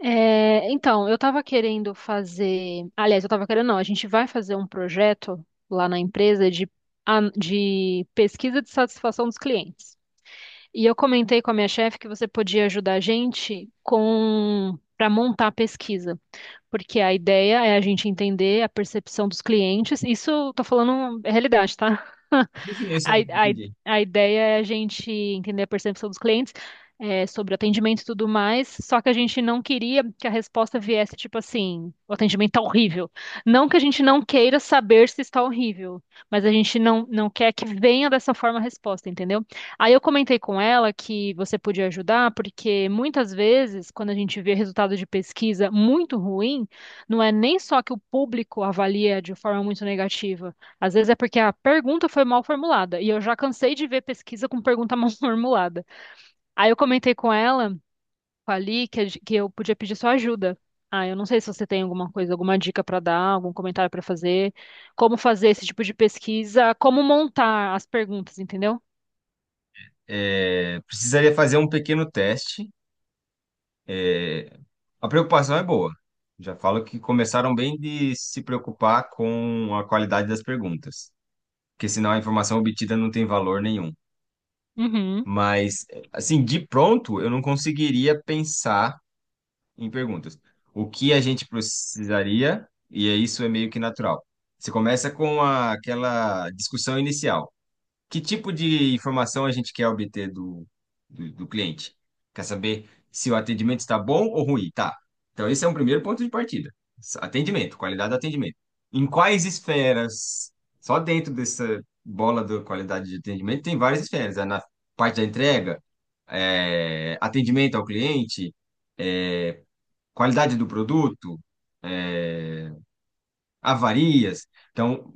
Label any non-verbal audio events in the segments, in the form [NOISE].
É, então, eu estava querendo fazer. Aliás, eu estava querendo, não, a gente vai fazer um projeto lá na empresa de, de pesquisa de satisfação dos clientes. E eu comentei com a minha chefe que você podia ajudar a gente com para montar a pesquisa, porque a ideia é a gente entender a percepção dos clientes. Isso, estou falando é realidade, tá? [LAUGHS] Sim, sim, eu A, sei, a, entendi. a ideia é a gente entender a percepção dos clientes, é, sobre atendimento e tudo mais, só que a gente não queria que a resposta viesse tipo assim, o atendimento tá horrível. Não que a gente não queira saber se está horrível, mas a gente não quer que venha dessa forma a resposta, entendeu? Aí eu comentei com ela que você podia ajudar, porque muitas vezes, quando a gente vê resultado de pesquisa muito ruim, não é nem só que o público avalia de forma muito negativa, às vezes é porque a pergunta foi mal formulada, e eu já cansei de ver pesquisa com pergunta [LAUGHS] mal formulada. Aí eu comentei com ela, com a Li, que, que eu podia pedir sua ajuda. Ah, eu não sei se você tem alguma coisa, alguma dica para dar, algum comentário para fazer, como fazer esse tipo de pesquisa, como montar as perguntas, entendeu? É, precisaria fazer um pequeno teste. É, a preocupação é boa. Já falo que começaram bem de se preocupar com a qualidade das perguntas, porque senão a informação obtida não tem valor nenhum. Uhum, Mas, assim, de pronto, eu não conseguiria pensar em perguntas. O que a gente precisaria, e é isso é meio que natural. Você começa com aquela discussão inicial. Que tipo de informação a gente quer obter do cliente? Quer saber se o atendimento está bom ou ruim? Tá. Então, esse é um primeiro ponto de partida. Atendimento, qualidade do atendimento. Em quais esferas? Só dentro dessa bola da qualidade de atendimento tem várias esferas. É na parte da entrega, é, atendimento ao cliente, qualidade do produto, é, avarias. Então,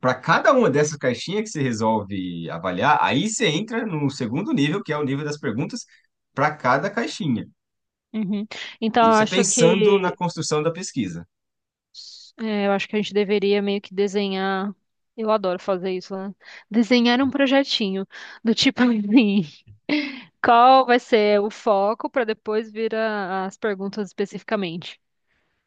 para cada uma dessas caixinhas que você resolve avaliar, aí você entra no segundo nível, que é o nível das perguntas para cada caixinha. uhum. Então, eu Isso é acho pensando na que construção da pesquisa. é, eu acho que a gente deveria meio que desenhar. Eu adoro fazer isso, né? Desenhar um projetinho do tipo [LAUGHS] assim. Qual vai ser o foco para depois vir as perguntas especificamente?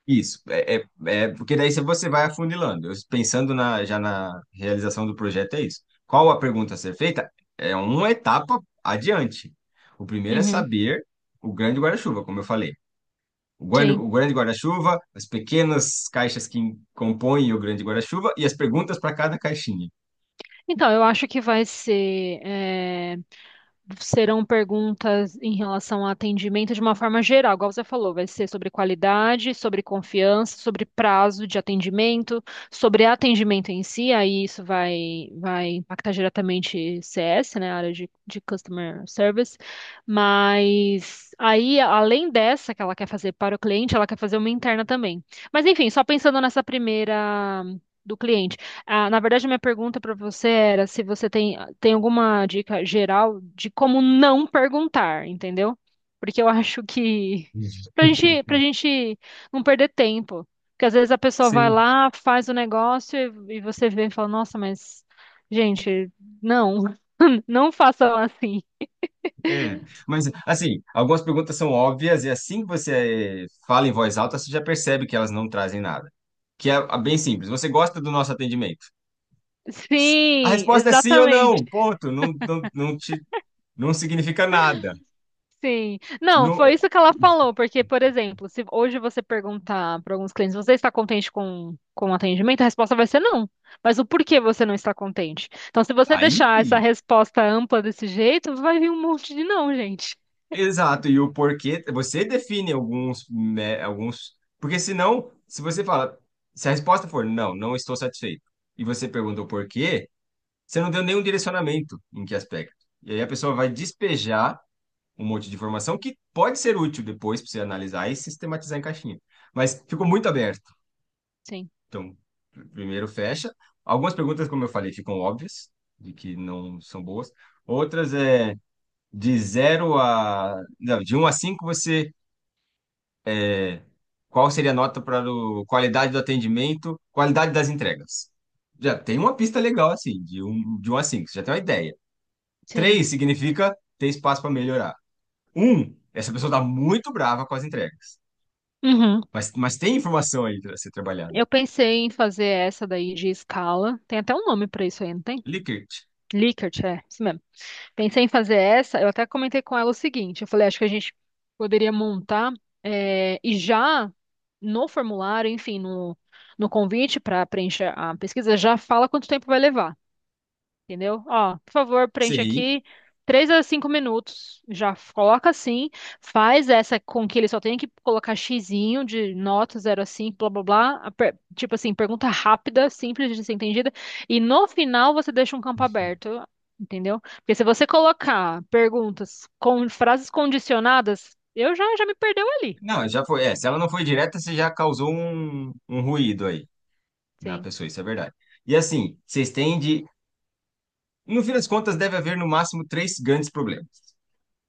Isso, porque daí você vai afunilando. Eu, pensando na, já na realização do projeto, é isso. Qual a pergunta a ser feita? É uma etapa adiante. O primeiro é Uhum, saber o grande guarda-chuva, como eu falei. O grande, sim. o grande guarda-chuva, as pequenas caixas que compõem o grande guarda-chuva e as perguntas para cada caixinha. Então, eu acho que serão perguntas em relação ao atendimento de uma forma geral, igual você falou, vai ser sobre qualidade, sobre confiança, sobre prazo de atendimento, sobre atendimento em si, aí isso vai impactar diretamente CS, né, a área de Customer Service, mas aí, além dessa que ela quer fazer para o cliente, ela quer fazer uma interna também. Mas enfim, só pensando nessa primeira do cliente. Ah, na verdade, minha pergunta para você era se você tem alguma dica geral de como não perguntar, entendeu? Porque eu acho que [LAUGHS] pra gente, pra [LAUGHS] gente não perder tempo. Porque às vezes a pessoa vai Sim, lá, faz o negócio e você vê e fala, nossa, mas, gente, não, [LAUGHS] não façam assim. é. Mas, assim, algumas perguntas são óbvias e assim que você fala em voz alta, você já percebe que elas não trazem nada. Que é bem simples. Você gosta do nosso atendimento? A Sim, resposta é sim ou exatamente. não. Ponto. Não, não, não significa nada. Sim. Não, Não, foi isso que ela falou, porque, por exemplo, se hoje você perguntar para alguns clientes, você está contente com o atendimento? A resposta vai ser não. Mas o porquê você não está contente? Então, se você aí. deixar essa resposta ampla desse jeito, vai vir um monte de não, gente. Exato, e o porquê, você define alguns, né, alguns, porque senão, se você fala, se a resposta for não, não estou satisfeito, e você pergunta o porquê, você não deu nenhum direcionamento em que aspecto. E aí a pessoa vai despejar um monte de informação que pode ser útil depois para você analisar e sistematizar em caixinha. Mas ficou muito aberto. Sim, Então, primeiro fecha. Algumas perguntas, como eu falei, ficam óbvias, de que não são boas. Outras é de zero a, não, de um a 5 você. Qual seria a nota para o qualidade do atendimento, qualidade das entregas? Já tem uma pista legal assim, de um a cinco, você já tem uma ideia. sim. Três significa ter espaço para melhorar. Um, essa pessoa está muito brava com as entregas. Uhum. Mas tem informação aí para ser trabalhada. Eu pensei em fazer essa daí de escala. Tem até um nome para isso aí, não tem? Likert. Likert, é, isso mesmo. Pensei em fazer essa, eu até comentei com ela o seguinte, eu falei, acho que a gente poderia montar e já no formulário, enfim, no convite para preencher a pesquisa, já fala quanto tempo vai levar. Entendeu? Ó, por favor, preenche Sim. aqui 3 a 5 minutos. Já coloca assim, faz essa com que ele só tenha que colocar xizinho de nota 0 a 5, blá blá blá. Tipo assim, pergunta rápida, simples de ser entendida. E no final você deixa um campo aberto, entendeu? Porque se você colocar perguntas com frases condicionadas, eu já me perdeu ali. Não, já foi. É, se ela não foi direta, você já causou um ruído aí na Sim. pessoa, isso é verdade. E assim, vocês têm de. No fim das contas, deve haver no máximo três grandes problemas.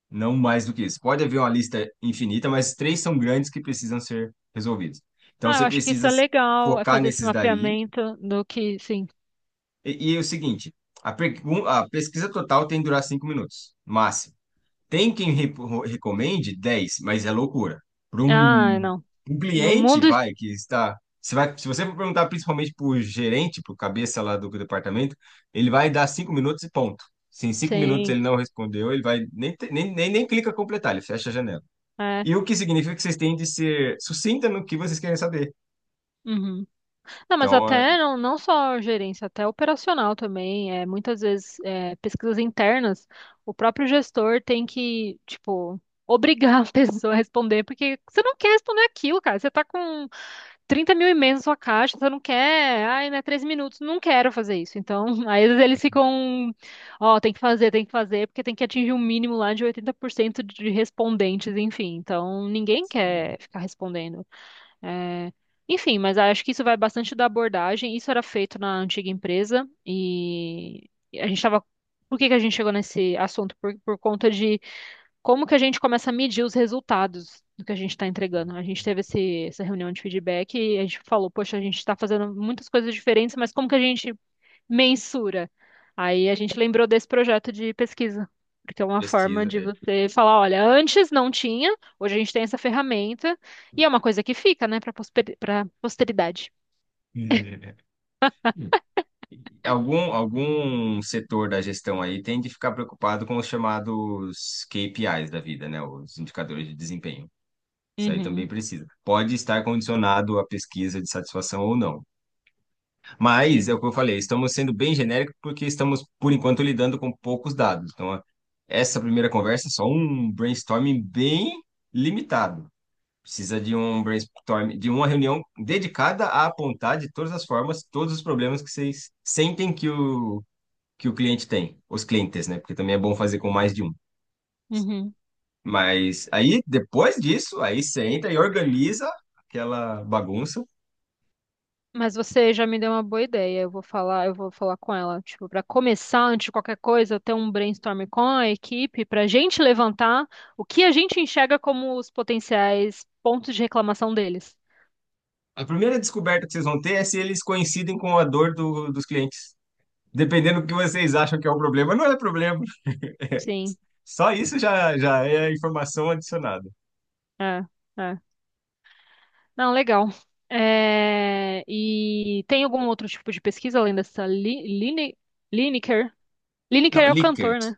Não mais do que isso. Pode haver uma lista infinita, mas três são grandes que precisam ser resolvidos. Então Ah, eu você acho que isso precisa é legal, é focar fazer esse nesses daí. mapeamento do que, sim. E é o seguinte: a pesquisa total tem que durar 5 minutos, máximo. Tem quem recomende 10, mas é loucura. Para Ah, um, não. um No cliente, mundo, vai, que está. Você vai, se você for perguntar principalmente para o gerente, para o cabeça lá do departamento, ele vai dar 5 minutos e ponto. Se em 5 minutos sim. ele não respondeu, ele vai nem, te- nem, nem, nem clica completar, ele fecha a janela. É. E o que significa que vocês têm de ser sucinta no que vocês querem saber. Uhum. Não, mas Então, é, até não só gerência, até operacional também. É, muitas vezes, é, pesquisas internas, o próprio gestor tem que, tipo, obrigar a [LAUGHS] pessoa a responder, porque você não quer responder aquilo, cara. Você tá com 30 mil e-mails na sua caixa, você não quer, ai, né, 3 minutos, não quero fazer isso. Então, [LAUGHS] aí às vezes eles ficam, ó, tem que fazer, porque tem que atingir um mínimo lá de 80% de respondentes, enfim. Então, ninguém se quer ficar respondendo. É, enfim, mas acho que isso vai bastante da abordagem. Isso era feito na antiga empresa e a gente estava. Por que que a gente chegou nesse assunto? Por conta de como que a gente começa a medir os resultados do que a gente está entregando. A gente teve esse, essa reunião de feedback e a gente falou, poxa, a gente está fazendo muitas coisas diferentes, mas como que a gente mensura. Aí a gente lembrou desse projeto de pesquisa, porque é uma forma pesquisa. de É. você falar, olha, antes não tinha, hoje a gente tem essa ferramenta, e é uma coisa que fica, né, para posteridade. [LAUGHS] Algum, algum setor da gestão aí tem de ficar preocupado com os chamados KPIs da vida, né? Os indicadores de desempenho. Isso aí Uhum, também precisa. Pode estar condicionado à pesquisa de satisfação ou não. Mas, sim. é o que eu falei, estamos sendo bem genéricos porque estamos, por enquanto, lidando com poucos dados. Então, essa primeira conversa é só um brainstorming bem limitado. Precisa de um brainstorm, de uma reunião dedicada a apontar de todas as formas todos os problemas que vocês sentem que o cliente tem, os clientes, né? Porque também é bom fazer com mais de um. Uhum. Mas aí, depois disso, aí você entra e organiza aquela bagunça. Mas você já me deu uma boa ideia. Eu vou falar com ela, tipo, para começar antes de qualquer coisa, ter um brainstorm com a equipe para a gente levantar o que a gente enxerga como os potenciais pontos de reclamação deles. A primeira descoberta que vocês vão ter é se eles coincidem com a dor dos clientes. Dependendo do que vocês acham que é o problema, não é problema. Sim, Só isso já é informação adicionada. é, é. Não, legal. É, e tem algum outro tipo de pesquisa além dessa Lineker? Lineker Não, é o Likert. cantor, né?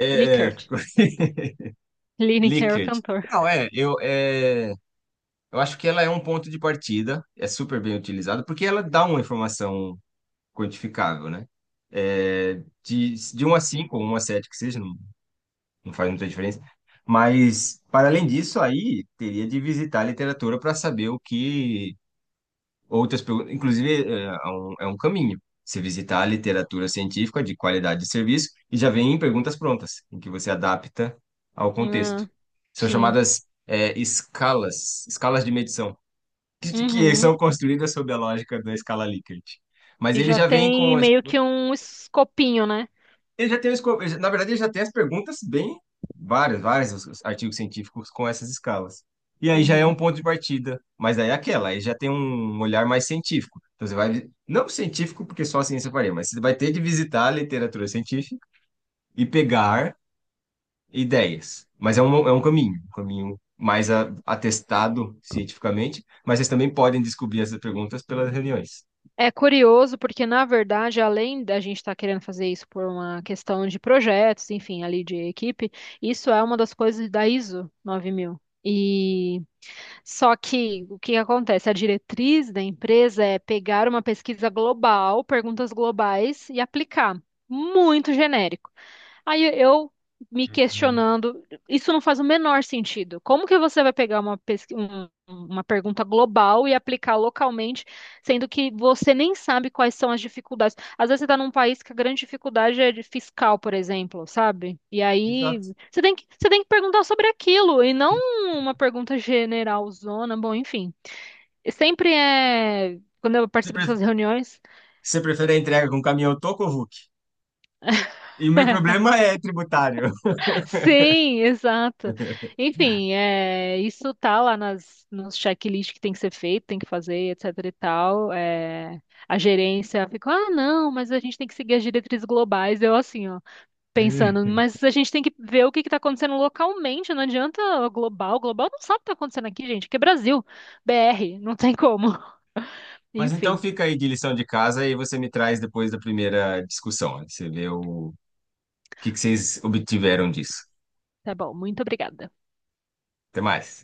É, é. Likert. [LAUGHS] [LAUGHS] Lineker é o Likert. cantor. Não, é, eu acho que ela é um ponto de partida, é super bem utilizada, porque ela dá uma informação quantificável, né? É, de um a 5 ou um a 7 que seja, não, não faz muita diferença. Mas, para além disso, aí teria de visitar a literatura para saber o que. Outras, perguntas- inclusive, é um caminho. Você visitar a literatura científica de qualidade de serviço e já vem em perguntas prontas, em que você adapta ao Ah, contexto. São sim. chamadas, é, escalas de medição, [LAUGHS] que Uhum. são construídas sob a lógica da escala Likert. Mas E ele já já vem tem com, meio que um escopinho, né? ele já tem, na verdade, ele já tem as perguntas bem várias, várias os artigos científicos com essas escalas. E aí já é um Uhum. ponto de partida, mas aí é aquela, aí já tem um olhar mais científico. Então você vai, não científico, porque só a ciência faria, mas você vai ter de visitar a literatura científica e pegar ideias. Mas é um caminho, um caminho mais atestado cientificamente, mas vocês também podem descobrir essas perguntas pelas reuniões. É curioso porque, na verdade, além da gente estar querendo fazer isso por uma questão de projetos, enfim, ali de equipe, isso é uma das coisas da ISO 9000. E só que o que acontece? A diretriz da empresa é pegar uma pesquisa global, perguntas globais e aplicar. Muito genérico. Aí eu me Uhum. questionando, isso não faz o menor sentido. Como que você vai pegar uma pergunta global e aplicar localmente, sendo que você nem sabe quais são as dificuldades? Às vezes você está num país que a grande dificuldade é de fiscal, por exemplo, sabe? E aí Exato. você tem que perguntar sobre aquilo e não uma pergunta generalzona. Bom, enfim. Sempre é. Quando eu Você participo dessas reuniões. você prefere a entrega com um caminhão toco ou Hulk? E o meu problema é tributário. Sim, exato. Enfim, é, isso tá lá nos checklist que tem que ser feito, tem que fazer, etc e tal. É, a gerência ficou, ah, não, mas a gente tem que seguir as diretrizes globais. Eu assim, ó, pensando, [LAUGHS] mas a gente tem que ver o que que tá acontecendo localmente, não adianta global. Global não sabe o que tá acontecendo aqui, gente, que é Brasil, BR, não tem como. [LAUGHS] Mas então Enfim, fica aí de lição de casa e você me traz depois da primeira discussão, né? Você vê o que que vocês obtiveram disso. tá bom, muito obrigada. Até mais.